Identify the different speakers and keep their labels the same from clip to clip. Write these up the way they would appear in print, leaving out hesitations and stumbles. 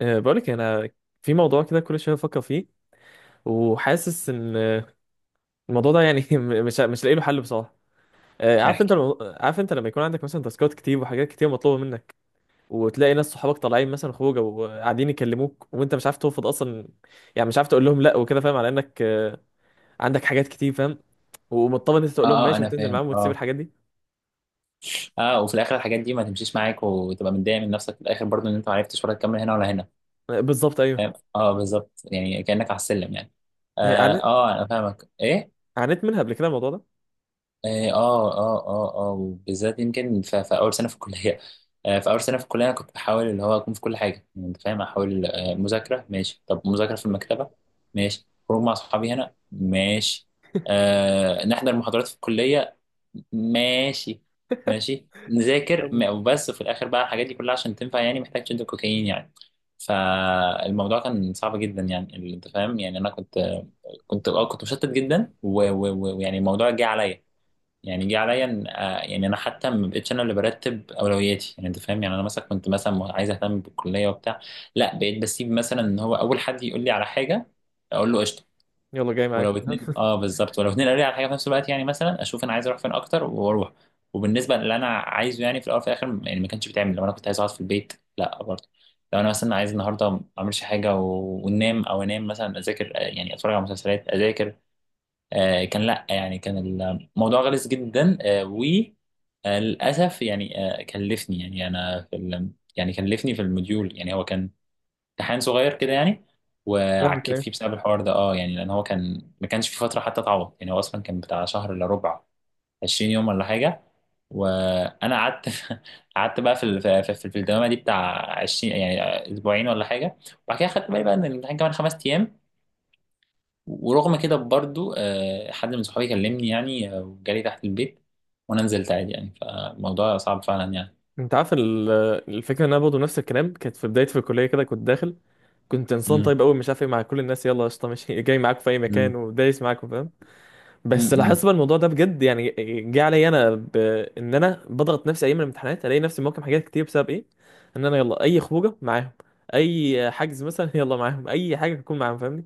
Speaker 1: بقولك انا في موضوع كده كل شويه بفكر فيه وحاسس ان الموضوع ده يعني مش لاقي له حل بصراحه. عارف انت
Speaker 2: احكي.
Speaker 1: عارف انت لما يكون عندك مثلا تاسكات كتير وحاجات كتير مطلوبه منك، وتلاقي ناس صحابك طالعين مثلا خروجه وقاعدين يكلموك وانت مش عارف ترفض اصلا. يعني مش عارف تقول لهم لا وكده، فاهم؟ على انك عندك حاجات كتير، فاهم؟ ومضطر ان انت تقول لهم
Speaker 2: اه،
Speaker 1: ماشي
Speaker 2: انا
Speaker 1: وتنزل
Speaker 2: فاهم.
Speaker 1: معاهم وتسيب
Speaker 2: اه
Speaker 1: الحاجات دي.
Speaker 2: اه، وفي الاخر الحاجات دي ما تمشيش معاك وتبقى متضايق من نفسك في الاخر برضو ان انت ما عرفتش ولا تكمل هنا ولا هنا.
Speaker 1: بالظبط، ايوه.
Speaker 2: فاهم اه بالظبط، يعني كانك على السلم يعني. اه,
Speaker 1: عانيت،
Speaker 2: انا فاهمك ايه.
Speaker 1: عانيت منها قبل كده الموضوع ده.
Speaker 2: اه اه اه اه، وبالذات يمكن في اول سنه في الكليه. في اول سنه في الكليه انا كنت بحاول اللي هو اكون في كل حاجه، يعني انت فاهم، احاول مذاكره ماشي، طب مذاكره في المكتبه ماشي، خروج مع اصحابي هنا ماشي، آه نحضر محاضرات في الكليه ماشي، ماشي نذاكر
Speaker 1: يلا،
Speaker 2: وبس. في الاخر بقى الحاجات دي كلها عشان تنفع يعني محتاج شد كوكايين يعني. فالموضوع كان صعب جدا، يعني انت فاهم، يعني انا كنت اه كنت مشتت جدا و- و- و- ويعني الموضوع جه عليا، يعني جه عليا يعني انا حتى ما بقتش انا اللي برتب اولوياتي يعني انت فاهم، يعني انا مثلا كنت مثلا عايز اهتم بالكليه وبتاع. لا بقيت بسيب مثلا ان هو اول حد يقول لي على حاجه اقول له قشطه.
Speaker 1: يلا جاي معاك.
Speaker 2: ولو اتنين، اه بالظبط، ولو اتنين قالوا لي على حاجه في نفس الوقت يعني مثلا اشوف انا عايز اروح فين اكتر واروح. وبالنسبه اللي انا عايزه يعني في الاول وفي الاخر يعني ما كانش بيتعمل، لو انا كنت عايز اقعد في البيت لا برضه. لو انا مثلا عايز النهارده ما اعملش حاجه وننام، او انام مثلا، اذاكر، يعني اتفرج على مسلسلات، اذاكر، كان لا يعني، كان الموضوع غلس جدا. وللاسف يعني، كلفني، يعني انا في يعني كلفني في الموديول يعني. هو كان امتحان صغير كده يعني، وعكيت
Speaker 1: فاهمك.
Speaker 2: فيه بسبب الحوار ده اه، يعني لان هو كان ما كانش في فتره حتى تعوض، يعني هو اصلا كان بتاع شهر الا ربع، 20 يوم ولا حاجه. وانا قعدت، قعدت بقى في في الدوامه دي بتاع 20 يعني، اسبوعين ولا حاجه. وبعد كده خدت بالي بقى ان الامتحان كمان 5 ايام. ورغم كده برضو، حد من صحابي كلمني يعني، وجالي تحت البيت، وانا نزلت عادي يعني. فالموضوع صعب فعلا يعني.
Speaker 1: انت عارف الفكره ان انا برضه نفس الكلام، كانت في بدايتي في الكليه كده، كنت داخل، كنت انسان
Speaker 2: امم.
Speaker 1: طيب قوي مش عارف ايه مع كل الناس، يلا قشطه، ماشي، جاي معاكم في اي
Speaker 2: امم.
Speaker 1: مكان ودايس معاكم، فاهم؟
Speaker 2: امم
Speaker 1: بس
Speaker 2: امم.
Speaker 1: لاحظت بقى الموضوع ده بجد يعني. جه عليا انا بان انا بضغط نفسي ايام الامتحانات، الاقي نفسي موقف حاجات كتير بسبب ايه؟ ان انا يلا اي خروجه معاهم، اي حجز مثلا، يلا معاهم اي حاجه تكون معاهم، فاهمني؟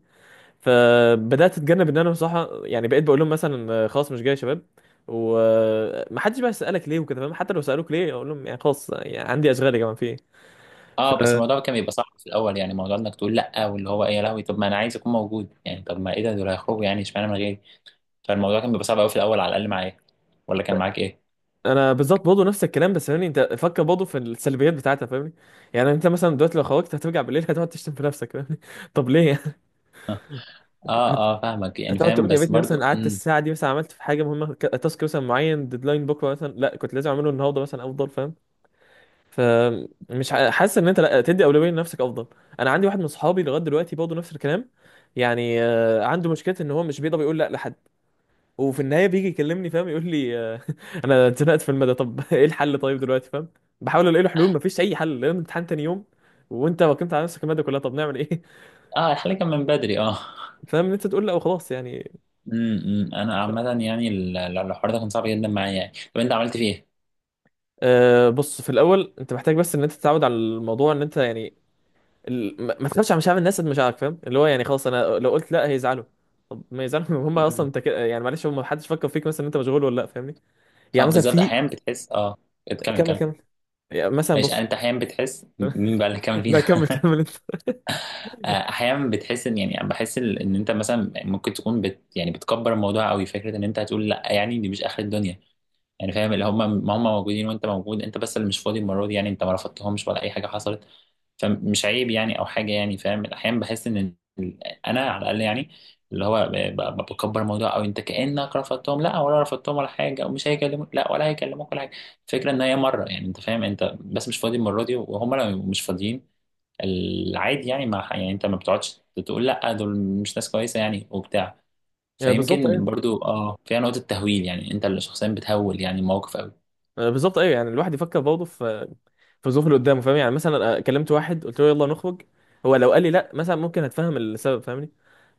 Speaker 1: فبدات اتجنب ان انا بصراحه، يعني بقيت بقول لهم مثلا خلاص مش جاي يا شباب. ومحدش بقى يسالك ليه وكده، فاهم؟ حتى لو سالوك ليه اقول لهم يعني خلاص، يعني عندي اشغال يا جماعه في ايه.
Speaker 2: اه بس الموضوع كان بيبقى صعب في الاول، يعني موضوع انك تقول لا، واللي هو ايه يا لهوي، طب ما انا عايز اكون موجود يعني، طب ما ايه ده، دول هيخرجوا يعني، اشمعنى من غيري. فالموضوع كان بيبقى صعب قوي في الاول، على الاقل معايا. ولا كان معاك ايه؟
Speaker 1: فانا بالظبط برضه نفس الكلام، بس فاهمني انت؟ فكر برضه في السلبيات بتاعتها، فاهمني؟ يعني انت مثلا دلوقتي لو خرجت هترجع بالليل، هتقعد تشتم في نفسك، فاهمني؟ طب ليه يعني؟
Speaker 2: اه
Speaker 1: هت-
Speaker 2: اه، فاهمك، يعني
Speaker 1: هتقعد
Speaker 2: فاهم
Speaker 1: تقول يا
Speaker 2: بس
Speaker 1: ريتني
Speaker 2: برضو.
Speaker 1: مثلا قعدت
Speaker 2: امم.
Speaker 1: الساعه دي، مثلا عملت في حاجه مهمه، تاسك مثلا معين، ديدلاين بكره مثلا، لا كنت لازم اعمله النهارده مثلا افضل، فاهم؟ حاسس ان انت لا، تدي اولويه لنفسك افضل. انا عندي واحد من صحابي لغايه دلوقتي برضه نفس الكلام. يعني عنده مشكله ان هو مش بيقدر يقول لا لحد. وفي النهايه بيجي يكلمني، فاهم؟ يقول لي انا اتزنقت في المدى، طب ايه الحل طيب دلوقتي، فاهم؟ بحاول الاقي له حلول، مفيش اي حل لان امتحان تاني يوم، وانت وكمت على نفسك الماده كلها، طب نعمل ايه؟
Speaker 2: اه الحل كان من بدري اه.
Speaker 1: فاهم ان انت تقول لا وخلاص يعني.
Speaker 2: أمم. انا
Speaker 1: مش عارف.
Speaker 2: عامه يعني الحوار ده كان صعب جدا معايا يعني. طب انت عملت فيه
Speaker 1: أه، بص، في الاول انت محتاج بس ان انت تتعود على الموضوع، ان انت يعني ما تخافش على مشاعر الناس قد مشاعرك، فاهم؟ اللي هو يعني خلاص انا لو قلت لا هيزعلوا، طب ما يزعلوا. هم اصلا
Speaker 2: ايه؟
Speaker 1: انت كده يعني، معلش، هم محدش فكر فيك مثلا إن انت مشغول ولا لا، فاهمني؟
Speaker 2: اه
Speaker 1: يعني مثلا
Speaker 2: بالظبط،
Speaker 1: في،
Speaker 2: احيانا بتحس اه، اتكمل
Speaker 1: كمل
Speaker 2: كمل.
Speaker 1: كمل. يعني مثلا
Speaker 2: ماشي
Speaker 1: بص،
Speaker 2: يعني، انت احيانا بتحس مين بقى اللي كمل
Speaker 1: لا
Speaker 2: فينا؟
Speaker 1: كمل كمل انت.
Speaker 2: احيانا بتحس ان، يعني بحس ان انت مثلا ممكن تكون يعني بتكبر الموضوع قوي، فكره ان انت هتقول لا، يعني دي مش اخر الدنيا يعني. فاهم اللي هم، ما هم موجودين وانت موجود، انت بس اللي مش فاضي المره دي يعني، انت ما رفضتهمش ولا اي حاجه حصلت. فمش عيب يعني او حاجه يعني. فاهم، احيانا بحس ان انا على الاقل يعني، اللي هو بكبر الموضوع، او انت كانك رفضتهم لا، ولا رفضتهم ولا حاجه، ومش هيكلموك لا، ولا هيكلموك ولا حاجه. الفكره ان هي مره يعني، انت فاهم، انت بس مش فاضي المره دي، وهم لو مش فاضيين العادي يعني، ما يعني انت ما بتقعدش تقول لا، دول مش ناس كويسه يعني، وبتاع.
Speaker 1: يعني بالظبط
Speaker 2: فيمكن
Speaker 1: ايوه،
Speaker 2: برضو اه فيها نقطه تهويل، يعني انت اللي شخصيا بتهول يعني الموقف قوي.
Speaker 1: بالظبط ايوه. يعني الواحد يفكر برضه في في الظروف اللي قدامه، فاهم؟ يعني مثلا أنا كلمت واحد قلت له يلا نخرج، هو لو قال لي لا مثلا ممكن اتفهم السبب، فاهمني؟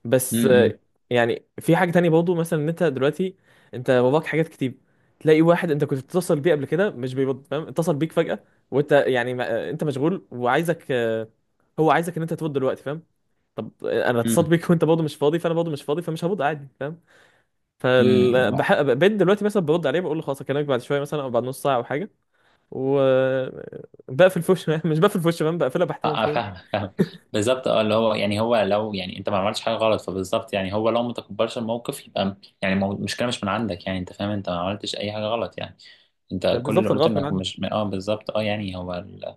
Speaker 1: بس
Speaker 2: امم.
Speaker 1: يعني في حاجة تانية برضه، مثلا ان انت دلوقتي، انت باباك حاجات كتير، تلاقي واحد انت كنت بتتصل بيه قبل كده مش بيرد، فاهم؟ اتصل بيك فجأة، وانت يعني ما... آه، انت مشغول وعايزك، هو عايزك ان انت ترد دلوقتي، فاهم؟ طب انا اتصلت
Speaker 2: امم.
Speaker 1: بيك وانت برضه مش فاضي، فانا برضه مش فاضي، فمش هرد عادي، فاهم؟
Speaker 2: امم. طبعا.
Speaker 1: بقيت دلوقتي مثلا برد عليه، بقول له خلاص اكلمك بعد شويه مثلا، او بعد نص ساعه او حاجه، و بقفل في وشه. مش بقفل في وشه، فاهم؟ بقفلها
Speaker 2: اه،
Speaker 1: باحترام شويه.
Speaker 2: فاهم فاهم. بالظبط اه، اللي هو يعني هو لو، يعني انت ما عملتش حاجه غلط، فبالظبط يعني هو لو ما تكبرش الموقف، يبقى المشكله مش من عندك، يعني انت فاهم، انت ما عملتش اي حاجه غلط يعني. انت كل اللي
Speaker 1: بالظبط
Speaker 2: قلته
Speaker 1: الغلط من
Speaker 2: انك
Speaker 1: عندك.
Speaker 2: مش اه بالظبط اه، يعني هو ال...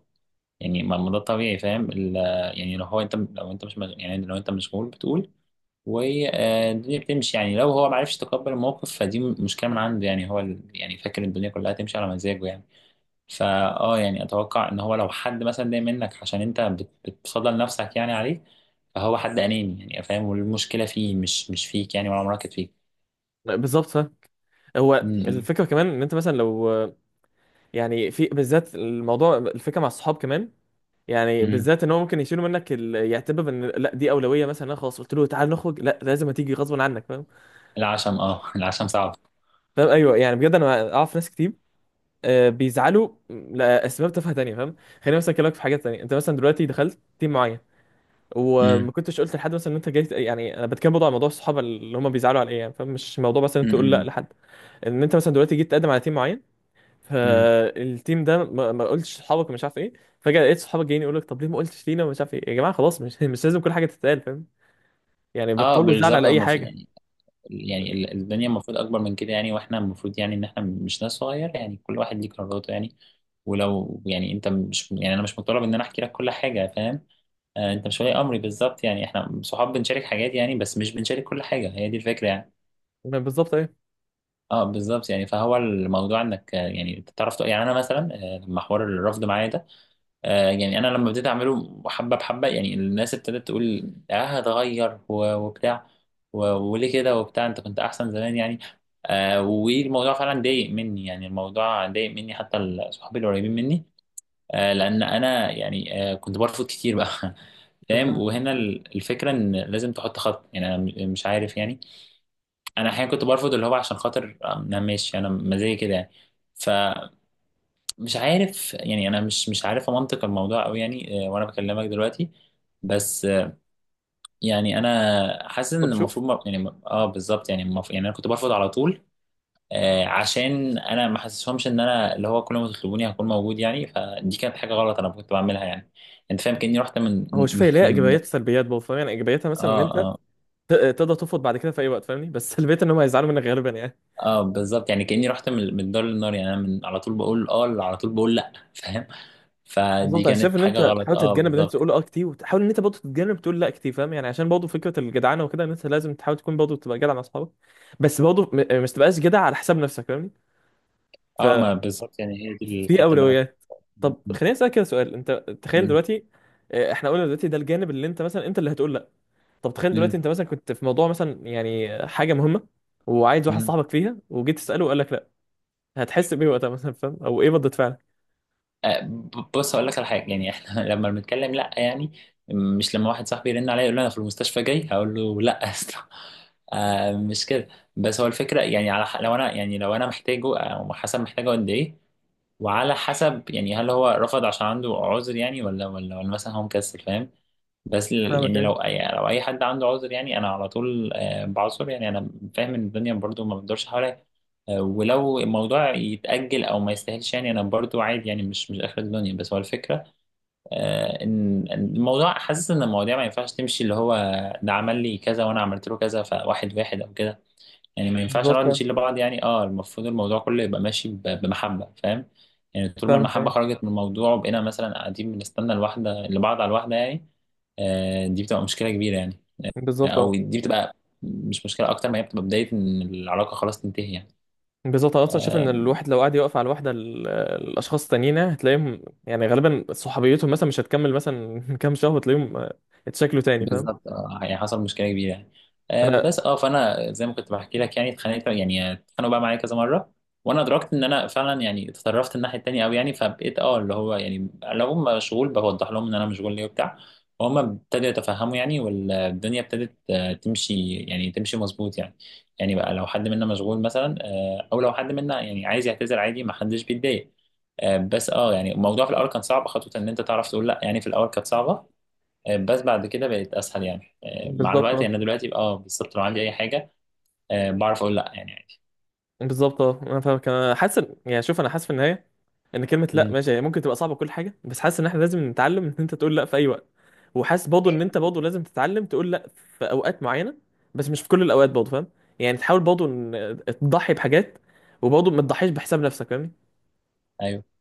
Speaker 2: يعني ما ده طبيعي، فاهم ال... يعني لو هو، انت لو انت يعني لو انت مشغول بتقول، والدنيا بتمشي يعني. لو هو ما عرفش يتقبل الموقف فدي مشكله من عنده يعني، هو ال... يعني فاكر الدنيا كلها تمشي على مزاجه يعني. فا اه يعني اتوقع ان هو لو حد مثلا ضايق منك عشان انت بتفضل نفسك يعني عليه، فهو حد اناني يعني فاهم، والمشكله فيه مش فيك يعني، ولا مراكز فيك.
Speaker 1: بالظبط، فاهم. هو
Speaker 2: امم.
Speaker 1: الفكره كمان ان انت مثلا لو، يعني في بالذات الموضوع، الفكره مع الصحاب كمان، يعني
Speaker 2: امم.
Speaker 1: بالذات ان هو ممكن يشيلوا منك يعتبر ان لا دي اولويه، مثلا انا خلاص قلت له تعال نخرج، لا لازم هتيجي غصب عنك، فاهم؟
Speaker 2: العشم اه، العشم صعب.
Speaker 1: فاهم، ايوه. يعني بجد انا اعرف ناس كتير بيزعلوا لاسباب تافهه تانية، فاهم؟ خليني مثلا اكلمك في حاجات تانية، انت مثلا دلوقتي دخلت تيم معين،
Speaker 2: امم.
Speaker 1: وما كنتش قلت لحد مثلا ان انت جاي. يعني انا بتكلم برضه على موضوع الصحاب اللي هم بيزعلوا على ايه يعني، فاهم؟ مش موضوع مثلا انت تقول لا
Speaker 2: امم.
Speaker 1: لحد. ان انت مثلا دلوقتي جيت تقدم على تيم معين،
Speaker 2: امم.
Speaker 1: فالتيم ده ما قلتش لصحابك ومش عارف ايه، فجأة لقيت صحابك جايين يقول لك طب ليه ما قلتش لينا ومش عارف ايه. يا جماعة، خلاص، مش مش لازم كل حاجة تتقال، فاهم؟ يعني
Speaker 2: اه
Speaker 1: بطلوا الزعل
Speaker 2: بالظبط،
Speaker 1: على أي
Speaker 2: هم في
Speaker 1: حاجة.
Speaker 2: يعني، يعني الدنيا المفروض اكبر من كده يعني، واحنا المفروض يعني ان احنا مش ناس صغيره يعني، كل واحد ليه قراراته يعني. ولو يعني انت مش، يعني انا مش مطالب ان انا احكي لك كل حاجه فاهم. انت مش ولي امري بالظبط يعني، احنا صحاب بنشارك حاجات يعني، بس مش بنشارك كل حاجه، هي دي الفكره يعني.
Speaker 1: ما بالظبط ايه.
Speaker 2: اه بالظبط يعني، فهو الموضوع انك يعني تعرف يعني انا مثلا لما حوار الرفض معايا ده، يعني انا لما ابتديت اعمله حبه بحبه يعني، الناس ابتدت تقول اه هتغير وبتاع، وليه كده وبتاع، انت كنت احسن زمان يعني. آه والموضوع فعلا ضايق مني يعني، الموضوع ضايق مني حتى صحابي القريبين مني، لان انا يعني كنت برفض كتير بقى. فاهم. وهنا الفكره ان لازم تحط خط يعني، انا مش عارف يعني. انا احيانا كنت برفض اللي هو عشان خاطر انا ماشي انا مزاجي كده يعني. فمش عارف يعني انا مش عارف منطق الموضوع قوي يعني، وانا بكلمك دلوقتي بس. يعني انا حاسس
Speaker 1: طب
Speaker 2: ان
Speaker 1: شوف،
Speaker 2: المفروض يعني اه بالظبط يعني، المفروض يعني انا كنت برفض على طول، عشان انا ما حسسهمش ان انا اللي هو كل ما تطلبوني هكون موجود يعني، فدي كانت حاجه غلط انا كنت بعملها يعني، انت فاهم كاني رحت من،
Speaker 1: هو شوف، هي ليها
Speaker 2: من-
Speaker 1: إيجابيات وسلبيات برضه، فاهم؟ يعني إيجابياتها مثلا إن
Speaker 2: اه
Speaker 1: أنت
Speaker 2: اه
Speaker 1: تقدر ترفض بعد كده في أي وقت، فاهمني؟ بس سلبيتها إن هم هيزعلوا منك غالبا يعني.
Speaker 2: اه بالظبط، يعني كاني رحت من من الدار للنار، يعني انا من على طول بقول اه، على طول بقول لا. فاهم، فدي
Speaker 1: بالظبط، أنا شايف
Speaker 2: كانت
Speaker 1: إن
Speaker 2: حاجه
Speaker 1: أنت
Speaker 2: غلط
Speaker 1: تحاول
Speaker 2: اه
Speaker 1: تتجنب إن أنت
Speaker 2: بالظبط.
Speaker 1: تقول أه كتير، وتحاول إن أنت برضه تتجنب تقول لا كتير، فاهم؟ يعني عشان برضه فكرة الجدعنة وكده، إن أنت لازم تحاول تكون برضه تبقى جدع مع أصحابك، بس برضه مش تبقاش جدع على حساب نفسك،
Speaker 2: اه ما
Speaker 1: فاهمني؟
Speaker 2: بالظبط، يعني هي دي
Speaker 1: في
Speaker 2: الحته اللي انا كنت
Speaker 1: اولويات. طب
Speaker 2: م-
Speaker 1: خليني اسالك كده سؤال، انت تخيل
Speaker 2: م-
Speaker 1: دلوقتي، احنا قلنا دلوقتي ده الجانب اللي انت مثلا انت اللي هتقول لا. طب تخيل
Speaker 2: م-
Speaker 1: دلوقتي انت مثلا كنت في موضوع مثلا، يعني حاجه مهمه، وعايز واحد
Speaker 2: م-
Speaker 1: صاحبك فيها، وجيت تساله وقال لك لا، هتحس بايه وقتها مثلا؟ فاهم؟ او ايه ردة فعلك؟
Speaker 2: بص، هقول لك على حاجه يعني، احنا لما بنتكلم لا يعني، مش لما واحد صاحبي يرن عليا يقول لي انا في المستشفى جاي هقول له لا، يا اسطى. مش كده. بس هو الفكره يعني على لو انا يعني لو انا محتاجه، او حسب محتاجه قد ايه، وعلى حسب يعني هل هو رفض عشان عنده عذر يعني، ولا ولا ولا مثلا هو مكسل، فاهم. بس
Speaker 1: فاهمك،
Speaker 2: يعني لو
Speaker 1: ايه
Speaker 2: اي، لو اي حد عنده عذر يعني انا على طول، بعذر يعني. انا فاهم ان الدنيا برضو ما بتدورش حواليا، ولو الموضوع يتأجل او ما يستاهلش يعني، انا برضو عادي يعني، مش اخر الدنيا. بس هو الفكرة، آه، ان إن الموضوع، حاسس ان المواضيع ما ينفعش تمشي اللي هو ده عمل لي كذا وانا عملت له كذا، فواحد واحد او كده يعني، ما ينفعش
Speaker 1: بالظبط.
Speaker 2: نقعد
Speaker 1: آه،
Speaker 2: نشيل لبعض يعني. اه المفروض الموضوع كله يبقى ماشي بمحبة فاهم. يعني طول ما
Speaker 1: فاهمك،
Speaker 2: المحبة
Speaker 1: ايه
Speaker 2: خرجت من الموضوع، وبقينا مثلا قاعدين بنستنى الواحدة لبعض على الواحدة يعني، آه دي بتبقى مشكلة كبيرة يعني،
Speaker 1: بالظبط،
Speaker 2: او
Speaker 1: اه
Speaker 2: دي بتبقى مش مشكلة اكتر ما هي بتبقى بداية ان العلاقة خلاص تنتهي يعني.
Speaker 1: بالظبط. انا اصلا شايف ان
Speaker 2: آه،
Speaker 1: الواحد لو قعد يوقف على الواحده الاشخاص التانيين، يعني هتلاقيهم يعني غالبا صحوبيتهم مثلا مش هتكمل مثلا كام شهر وتلاقيهم اتشكلوا تاني، فاهم؟
Speaker 2: بالظبط اه، يعني حصل مشكله كبيره يعني،
Speaker 1: انا
Speaker 2: بس اه فانا زي ما كنت بحكي لك يعني، اتخانقت يعني اتخانقوا بقى معايا كذا مره. وانا ادركت ان انا فعلا يعني اتطرفت الناحيه التانيه قوي يعني، فبقيت اه اللي هو يعني لو هم مشغول بوضح لهم ان انا مشغول ليه وبتاع. وهم ابتدوا يتفهموا يعني، والدنيا ابتدت، تمشي يعني، تمشي مظبوط يعني. يعني بقى لو حد منا مشغول مثلا، او لو حد منا يعني عايز يعتذر عادي، ما حدش بيتضايق. بس اه يعني الموضوع في الاول كان صعب خطوه ان انت تعرف تقول لا، يعني في الاول كانت صعبه، بس بعد كده بقت اسهل يعني، مع الوقت
Speaker 1: بالظبط.
Speaker 2: يعني. أنا دلوقتي اه بالظبط لو عندي اي حاجه، بعرف اقول لا يعني، عادي.
Speaker 1: بالظبط اه، انا فاهمك، انا حاسس يعني شوف، انا حاسس في النهايه ان كلمه لا
Speaker 2: امم،
Speaker 1: ماشي، هي ممكن تبقى صعبه كل حاجه، بس حاسس ان احنا لازم نتعلم ان انت تقول لا في اي وقت. وحاسس برضه ان انت برضه لازم تتعلم تقول لا في اوقات معينه، بس مش في كل الاوقات برضه، فاهم؟ يعني تحاول برضه ان تضحي بحاجات، وبرضه ما تضحيش بحساب نفسك، فاهمني؟
Speaker 2: ايوه.